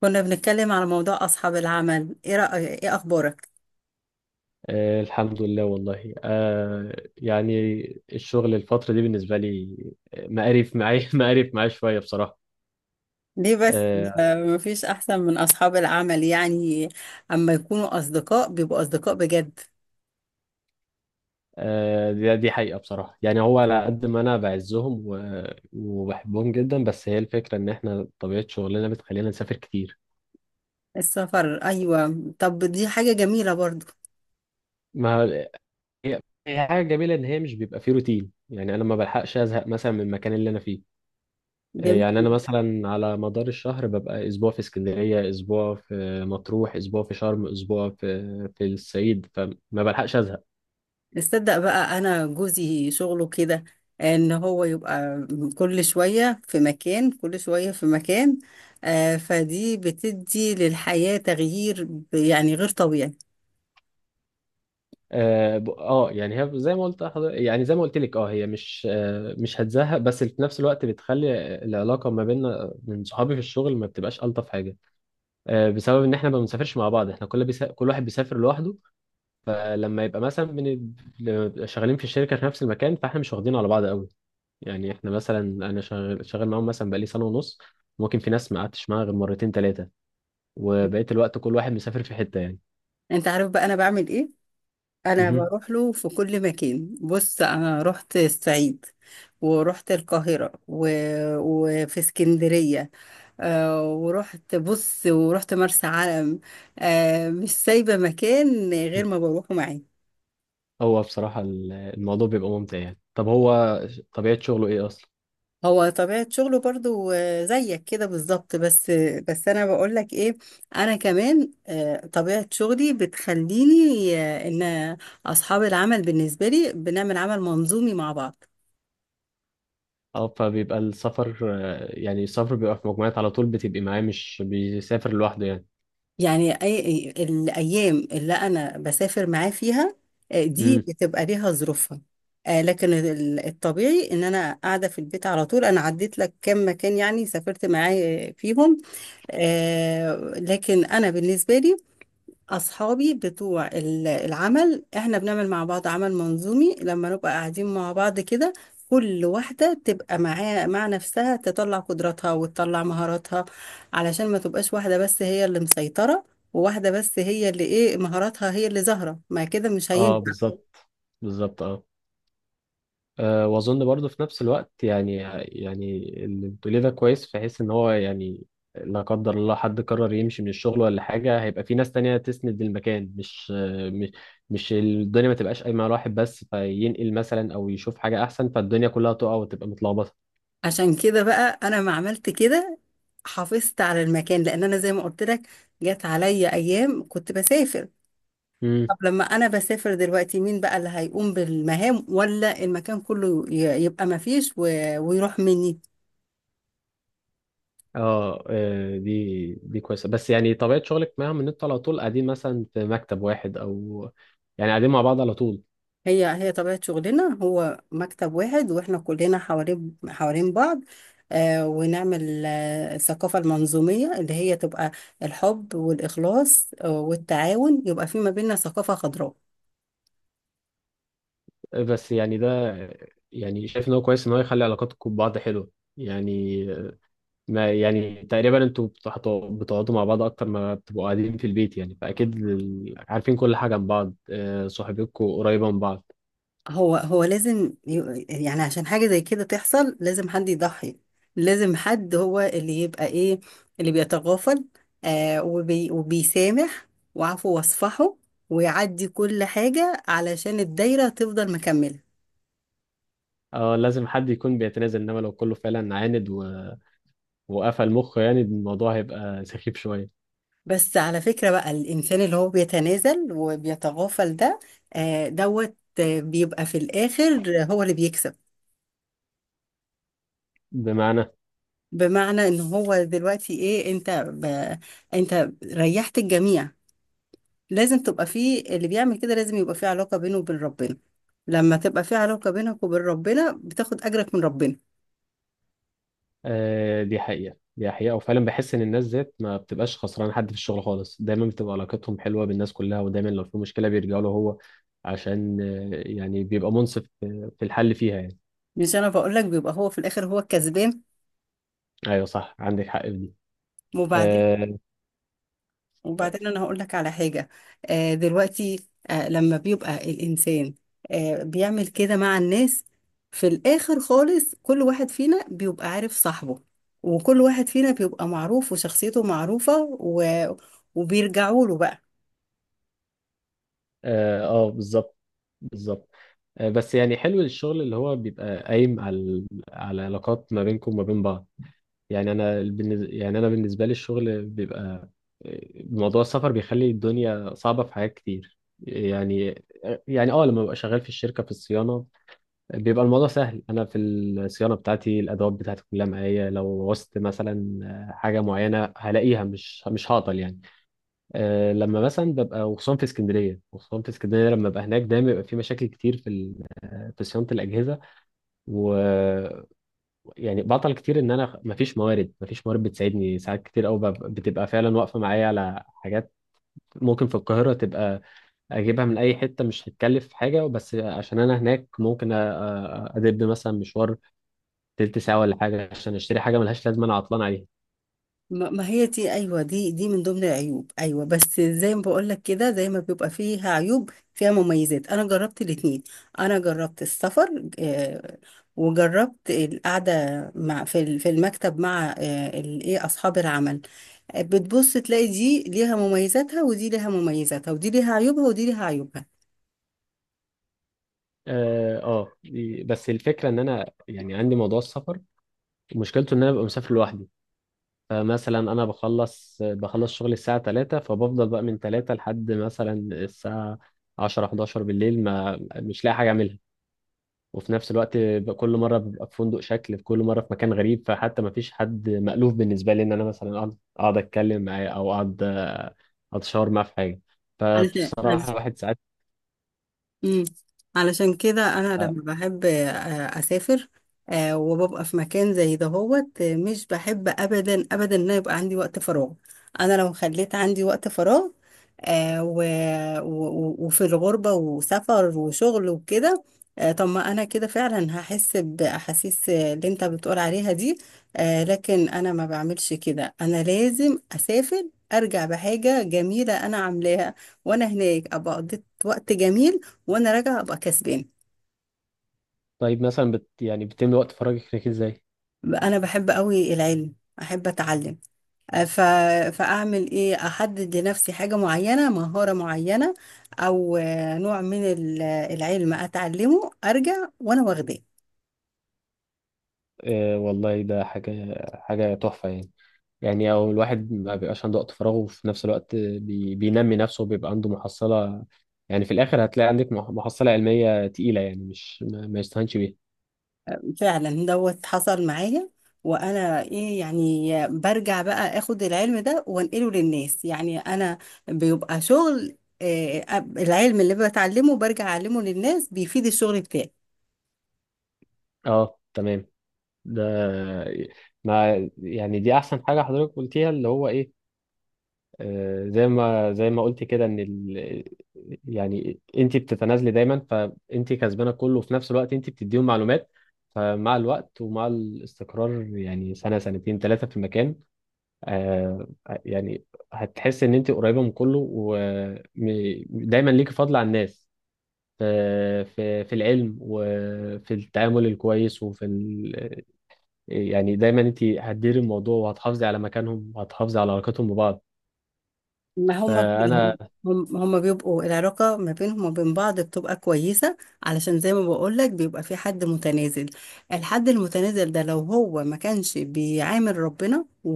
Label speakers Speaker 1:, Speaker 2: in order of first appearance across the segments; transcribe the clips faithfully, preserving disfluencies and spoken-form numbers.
Speaker 1: كنا بنتكلم على موضوع أصحاب العمل. إيه رأيك؟ إيه أخبارك؟
Speaker 2: آه، الحمد لله والله. آه يعني الشغل الفترة دي بالنسبة لي، آه، مقرف معايا مقرف معايا شوية بصراحة.
Speaker 1: ليه بس؟
Speaker 2: آه
Speaker 1: آه، مفيش أحسن من أصحاب العمل يعني. أما يكونوا أصدقاء، بيبقوا أصدقاء بجد.
Speaker 2: آه دي, دي حقيقة بصراحة. يعني هو على قد ما أنا بعزهم و- وبحبهم جدا، بس هي الفكرة إن إحنا طبيعة شغلنا بتخلينا نسافر كتير.
Speaker 1: السفر، أيوة. طب دي حاجة جميلة برضو.
Speaker 2: ما هي هي حاجة جميلة إن هي مش بيبقى فيه روتين، يعني أنا ما بلحقش أزهق مثلا من المكان اللي أنا فيه. آه، يعني
Speaker 1: جميل.
Speaker 2: انا مثلا على مدار الشهر ببقى اسبوع في اسكندريه، اسبوع في مطروح، اسبوع في شرم، اسبوع في في الصعيد، فما بلحقش ازهق.
Speaker 1: تصدق بقى؟ أنا جوزي شغله كده، إن هو يبقى كل شوية في مكان، كل شوية في مكان. آه، فدي بتدي للحياة تغيير ب- يعني غير طبيعي.
Speaker 2: اه ب- آه، يعني هي زي ما قلت حضر- يعني زي ما قلت لك اه هي مش آه مش هتزهق، بس في نفس الوقت بتخلي العلاقه ما بيننا من صحابي في الشغل ما بتبقاش الطف حاجه. آه بسبب ان احنا ما بنسافرش مع بعض، احنا كل بيسا... كل واحد بيسافر لوحده. فلما يبقى مثلا بن... شغالين في الشركه في نفس المكان، فاحنا مش واخدين على بعض قوي. يعني احنا مثلا انا شغال شغال معاهم مثلا بقالي سنه ونص، ممكن في ناس ما قعدتش معاها غير مرتين ثلاثه، وبقيت الوقت كل واحد مسافر في حته يعني.
Speaker 1: أنت عارف بقى أنا بعمل إيه؟ انا
Speaker 2: مهم.
Speaker 1: بروح له في كل مكان. بص، انا رحت الصعيد، ورحت القاهرة، و... وفي اسكندرية، آه ورحت، بص، ورحت مرسى علم. آه مش سايبة مكان غير ما بروحه معاه.
Speaker 2: هو بصراحه ال- الموضوع بيبقى ممتع. يعني طب هو ش- طبيعه شغله ايه اصلا؟
Speaker 1: هو طبيعة شغله برضو، آه، زيك كده بالظبط، بس. بس أنا بقولك إيه. أنا كمان، آه، طبيعة شغلي بتخليني، آه، إن أصحاب العمل بالنسبة لي بنعمل عمل منظومي مع بعض.
Speaker 2: اه فبيبقى السفر، آه، يعني السفر بيبقى في مجموعات على طول، بتبقي معاه مش بيسافر لوحده يعني.
Speaker 1: يعني أي أي- الأيام اللي أنا بسافر معاه فيها، آه، دي
Speaker 2: امم.
Speaker 1: بتبقى ليها ظروفها. آه، لكن ال- الطبيعي إن أنا قاعدة في البيت على طول. أنا عديت لك كام مكان يعني سافرت معاه فيهم. آه، لكن أنا بالنسبة لي، أصحابي بتوع ال- العمل، إحنا بنعمل مع بعض عمل منظومي لما نبقى قاعدين مع بعض كده. كل واحدة تبقى معاها مع نفسها، تطلع قدراتها وتطلع مهاراتها، علشان ما تبقاش واحدة بس هي اللي مسيطرة، وواحدة بس هي اللي إيه مهاراتها هي اللي ظاهرة. ما كده مش
Speaker 2: اه
Speaker 1: هينفع.
Speaker 2: بالظبط، بالظبط اه أه واظن برضه في نفس الوقت يعني. يعني اللي بتقوليه ده كويس، في حيث ان هو يعني لا قدر الله حد قرر يمشي من الشغل ولا حاجه، هيبقى في ناس تانية تسند المكان. مش آه، مش مش الدنيا ما تبقاش قايمه على واحد بس، فينقل مثلا او يشوف حاجه احسن فالدنيا كلها تقع وتبقى متلخبطه.
Speaker 1: عشان كده بقى أنا ما عملت كده، حافظت على المكان، لأن أنا زي ما قلت لك، جت عليا أيام كنت بسافر.
Speaker 2: امم.
Speaker 1: طب لما انا بسافر دلوقتي، مين بقى اللي هيقوم بالمهام، ولا المكان كله ي- يبقى ما فيش و- ويروح مني؟
Speaker 2: اه آه، دي دي كويسه. بس يعني طبيعه شغلك معاهم ان انتوا على طول قاعدين مثلا في مكتب واحد، او يعني قاعدين مع بعض على طول؟
Speaker 1: هي هي طبيعة شغلنا، هو مكتب واحد، واحنا كلنا حوالين حوالين بعض، آه ونعمل آه الثقافة المنظومية اللي هي تبقى الحب والإخلاص آه والتعاون، يبقى في ما بيننا ثقافة خضراء.
Speaker 2: بس يعني ده، يعني شايف ان هو كويس ان هو يخلي علاقاتكم ببعض حلوه يعني. ما يعني تقريبا انتوا بتحطوا- بتقعدوا مع بعض اكتر ما بتبقوا قاعدين في البيت يعني، فاكيد ال- عارفين كل حاجه عن بعض، آه، صحبتكم قريبه من بعض.
Speaker 1: هو هو لازم، ي- يعني عشان حاجة زي كده تحصل، لازم حد يضحي، لازم حد هو اللي يبقى ايه، اللي بيتغافل، آه وبي وبيسامح، وعفو واصفحه، ويعدي كل حاجة، علشان الدايرة تفضل مكملة.
Speaker 2: اه لازم حد يكون بيتنازل، انما لو كله فعلا عاند و... وقفل مخه، يعني الموضوع هيبقى سخيف شويه.
Speaker 1: بس على فكرة بقى، الإنسان اللي هو بيتنازل وبيتغافل ده، آه دوت، آه، بيبقى في الآخر هو اللي بيكسب.
Speaker 2: بمعنى؟
Speaker 1: بمعنى ان هو دلوقتي ايه، انت ب... انت ريحت الجميع. لازم تبقى فيه اللي بيعمل كده، لازم يبقى فيه علاقة بينه وبين ربنا. لما تبقى فيه علاقة بينك وبين ربنا، بتاخد أجرك من ربنا.
Speaker 2: آه، دي حقيقة، دي حقيقة. وفعلا بحس إن الناس ذات ما بتبقاش خسرانة حد في الشغل خالص، دايما بتبقى علاقتهم حلوة بالناس كلها، ودايما لو في مشكلة بيرجعوا له هو. عشان آه، يعني بيبقى منصف في في الحل فيها يعني.
Speaker 1: مش أنا بقول لك بيبقى هو في الآخر هو الكسبان.
Speaker 2: أيوة صح، عندك حق في دي.
Speaker 1: وبعدين،
Speaker 2: آه،
Speaker 1: وبعدين أنا هقول لك على حاجة. آه دلوقتي، آه لما بيبقى الإنسان آه بيعمل كده مع الناس، في الآخر خالص كل واحد فينا بيبقى عارف صاحبه، وكل واحد فينا بيبقى معروف وشخصيته معروفة، و... وبيرجعوا له بقى.
Speaker 2: آه، آه، بالظبط، بالظبط آه بس يعني حلو الشغل اللي هو بيبقى قايم على على علاقات ما بينكم وما بين بعض يعني. انا بالنز- يعني انا بالنسبه لي الشغل بيبقى، موضوع السفر بيخلي الدنيا صعبه في حاجات كتير يعني يعني اه لما ببقى شغال في الشركه في الصيانه، بيبقى الموضوع سهل. انا في الصيانه بتاعتي الادوات بتاعتي كلها معايا، لو وصت مثلا حاجه معينه هلاقيها، مش مش هعطل يعني. آه، لما مثلا ببقى، وخصوصا في اسكندريه، وخصوصا في اسكندريه لما ببقى هناك دايما بيبقى في مشاكل كتير في ال- في صيانه الاجهزه و... يعني بعطل كتير، ان انا مفيش موارد، مفيش موارد بتساعدني. ساعات كتير قوي بتبقى فعلا واقفه معايا على حاجات ممكن في القاهره تبقى اجيبها من اي حته مش هتكلف حاجه، بس عشان انا هناك ممكن أ- أ- ادب مثلا مشوار تلت ساعه ولا حاجه عشان اشتري حاجه ملهاش لازمه، انا عطلان عليها.
Speaker 1: ما ما هي دي، ايوه، دي دي من ضمن العيوب، ايوه. بس زي ما بقول لك كده، زي ما بيبقى فيها عيوب، فيها مميزات. انا جربت الاتنين. انا جربت السفر، آه، وجربت القعده مع، في ال- في المكتب مع، آه، ال- ايه، اصحاب العمل. آه، بتبص تلاقي دي ليها مميزاتها، ودي ليها مميزاتها، ودي ليها عيوبها، ودي ليها
Speaker 2: اه آه، بس الفكره ان انا يعني عندي موضوع السفر، مشكلته ان انا ببقى مسافر لوحدي. فمثلا انا بخلص بخلص شغل الساعة ثلاثة، فبفضل بقى من تلاتة لحد مثلا الساعة عشرة حداشر بالليل ما مش لاقي حاجة اعملها. وفي نفس الوقت ب- كل مرة ببقى في فندق شكل في كل مرة، في مكان غريب، فحتى ما فيش حد مألوف بالنسبة لي ان انا مثلا اقعد اقعد اتكلم معاه او اقعد آه، اتشاور معاه في حاجة.
Speaker 1: عيوبها.
Speaker 2: فبصراحة الواحد ساعات.
Speaker 1: مم. علشان كده انا لما بحب آه، اسافر، آه، وببقى في مكان زي دهوت، آه، مش بحب ابدا ابدا ان أنا يبقى عندي وقت فراغ. انا لو خليت عندي وقت فراغ، آه، و... و... وفي الغربة وسفر وشغل وكده، آه، طب ما انا كده فعلا هحس باحاسيس، آه، اللي انت بتقول عليها دي. آه، لكن انا ما بعملش كده، انا لازم اسافر، ارجع بحاجة جميلة انا عاملاها، وانا هناك ابقى قضيت وقت جميل، وانا راجعه ابقى كسبان.
Speaker 2: طيب مثلا بت يعني بتملي وقت فراغك ازاي؟
Speaker 1: انا بحب قوي العلم، احب اتعلم. أه، ف... فاعمل ايه، احدد لنفسي حاجه معينه، مهاره معينه، او آه، نوع من ال- العلم اتعلمه، ارجع وانا واخداه.
Speaker 2: أه والله ده حاجة حاجة تحفة يعني. يعني او الواحد ما بيبقاش عنده وقت فراغ، وفي نفس الوقت بي... بينمي نفسه وبيبقى عنده محصلة. يعني في الاخر هتلاقي عندك مح- محصلة علمية تقيلة، يعني مش ما, ما يستهانش بيها.
Speaker 1: فعلا دوت حصل معايا. وانا ايه يعني، برجع بقى اخد العلم ده وانقله للناس. يعني انا بيبقى شغل، آه، العلم اللي بتعلمه برجع اعلمه للناس، بيفيد الشغل بتاعي.
Speaker 2: اه، تمام ده. ما يعني دي احسن حاجة حضرتك قلتيها، اللي هو ايه، آه زي ما زي ما قلت كده ان ال... يعني انت بتتنازلي دايما فانت كسبانة كله، وفي نفس الوقت انت بتديهم معلومات. فمع الوقت ومع الاستقرار يعني سنة سنتين ثلاثة في المكان، آه، يعني هتحس ان انت قريبه من كله، ودايما ليكي فضل على الناس في في في العلم وفي التعامل الكويس وفي ال... آه، يعني دايما انت هتديري الموضوع وهتحافظي على مكانهم وهتحافظي على علاقتهم ببعض.
Speaker 1: ما هما كده
Speaker 2: فانا
Speaker 1: هم. هم- هما بيبقوا العلاقة ما بينهم وبين بعض بتبقى كويسة، علشان زي ما بقولك بيبقى في حد متنازل. الحد المتنازل ده، لو هو ما كانش بيعامل ربنا و...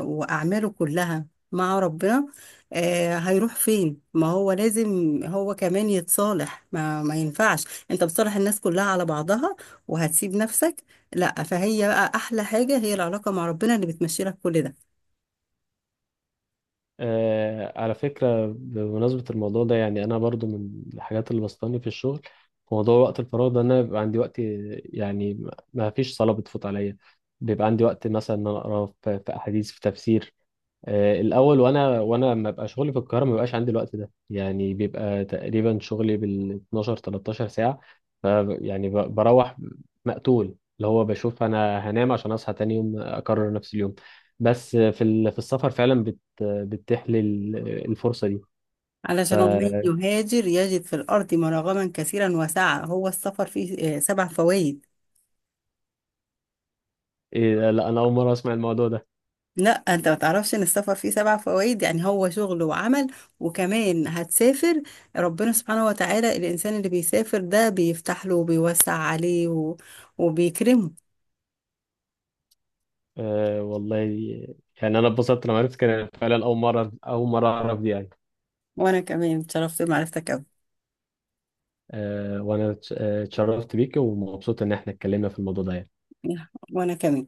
Speaker 1: وأعماله كلها مع ربنا، آه هيروح فين؟ ما هو لازم هو كمان يتصالح. ما, ما ينفعش انت بتصالح الناس كلها على بعضها، وهتسيب نفسك. لا، فهي بقى أحلى حاجة هي العلاقة مع ربنا، اللي بتمشي لك كل ده.
Speaker 2: آه، على فكره بمناسبه الموضوع ده، يعني انا برضو من الحاجات اللي بسطاني في الشغل في موضوع وقت الفراغ ده، ان انا بيبقى عندي وقت يعني ما ما فيش صلاه بتفوت عليا. بيبقى عندي وقت مثلا ان انا اقرا في في احاديث في تفسير، آه، الاول. وانا وانا لما ببقى شغلي في القاهره ما بيبقاش عندي الوقت ده يعني، بيبقى تقريبا شغلي بال اتناشر تلتاشر ساعه، ف يعني ب- بروح مقتول، اللي هو بشوف انا هنام عشان اصحى تاني يوم اكرر نفس اليوم. بس في ال- في السفر فعلا بت بتتيح لي ال- الفرصه دي.
Speaker 1: علشان ومن يهاجر يجد في الأرض مراغما كثيرا وسعة. هو السفر فيه، آه، سبع فوائد.
Speaker 2: إيه ده؟ لا انا اول مره اسمع الموضوع ده.
Speaker 1: لا، انت ما تعرفش ان السفر فيه سبع فوائد؟ يعني هو شغل وعمل، وكمان هتسافر. ربنا سبحانه وتعالى الإنسان اللي بيسافر ده بيفتح له وبيوسع عليه و... وبيكرمه.
Speaker 2: أه والله يعني انا اتبسطت لما عرفت كده، فعلا اول مره اول مره اعرف دي يعني.
Speaker 1: وانا كمان اتشرفت بمعرفتك قوي.
Speaker 2: أه وانا اتش- آه، اتشرفت بيك ومبسوط ان احنا اتكلمنا في الموضوع ده يعني.
Speaker 1: وانا كمان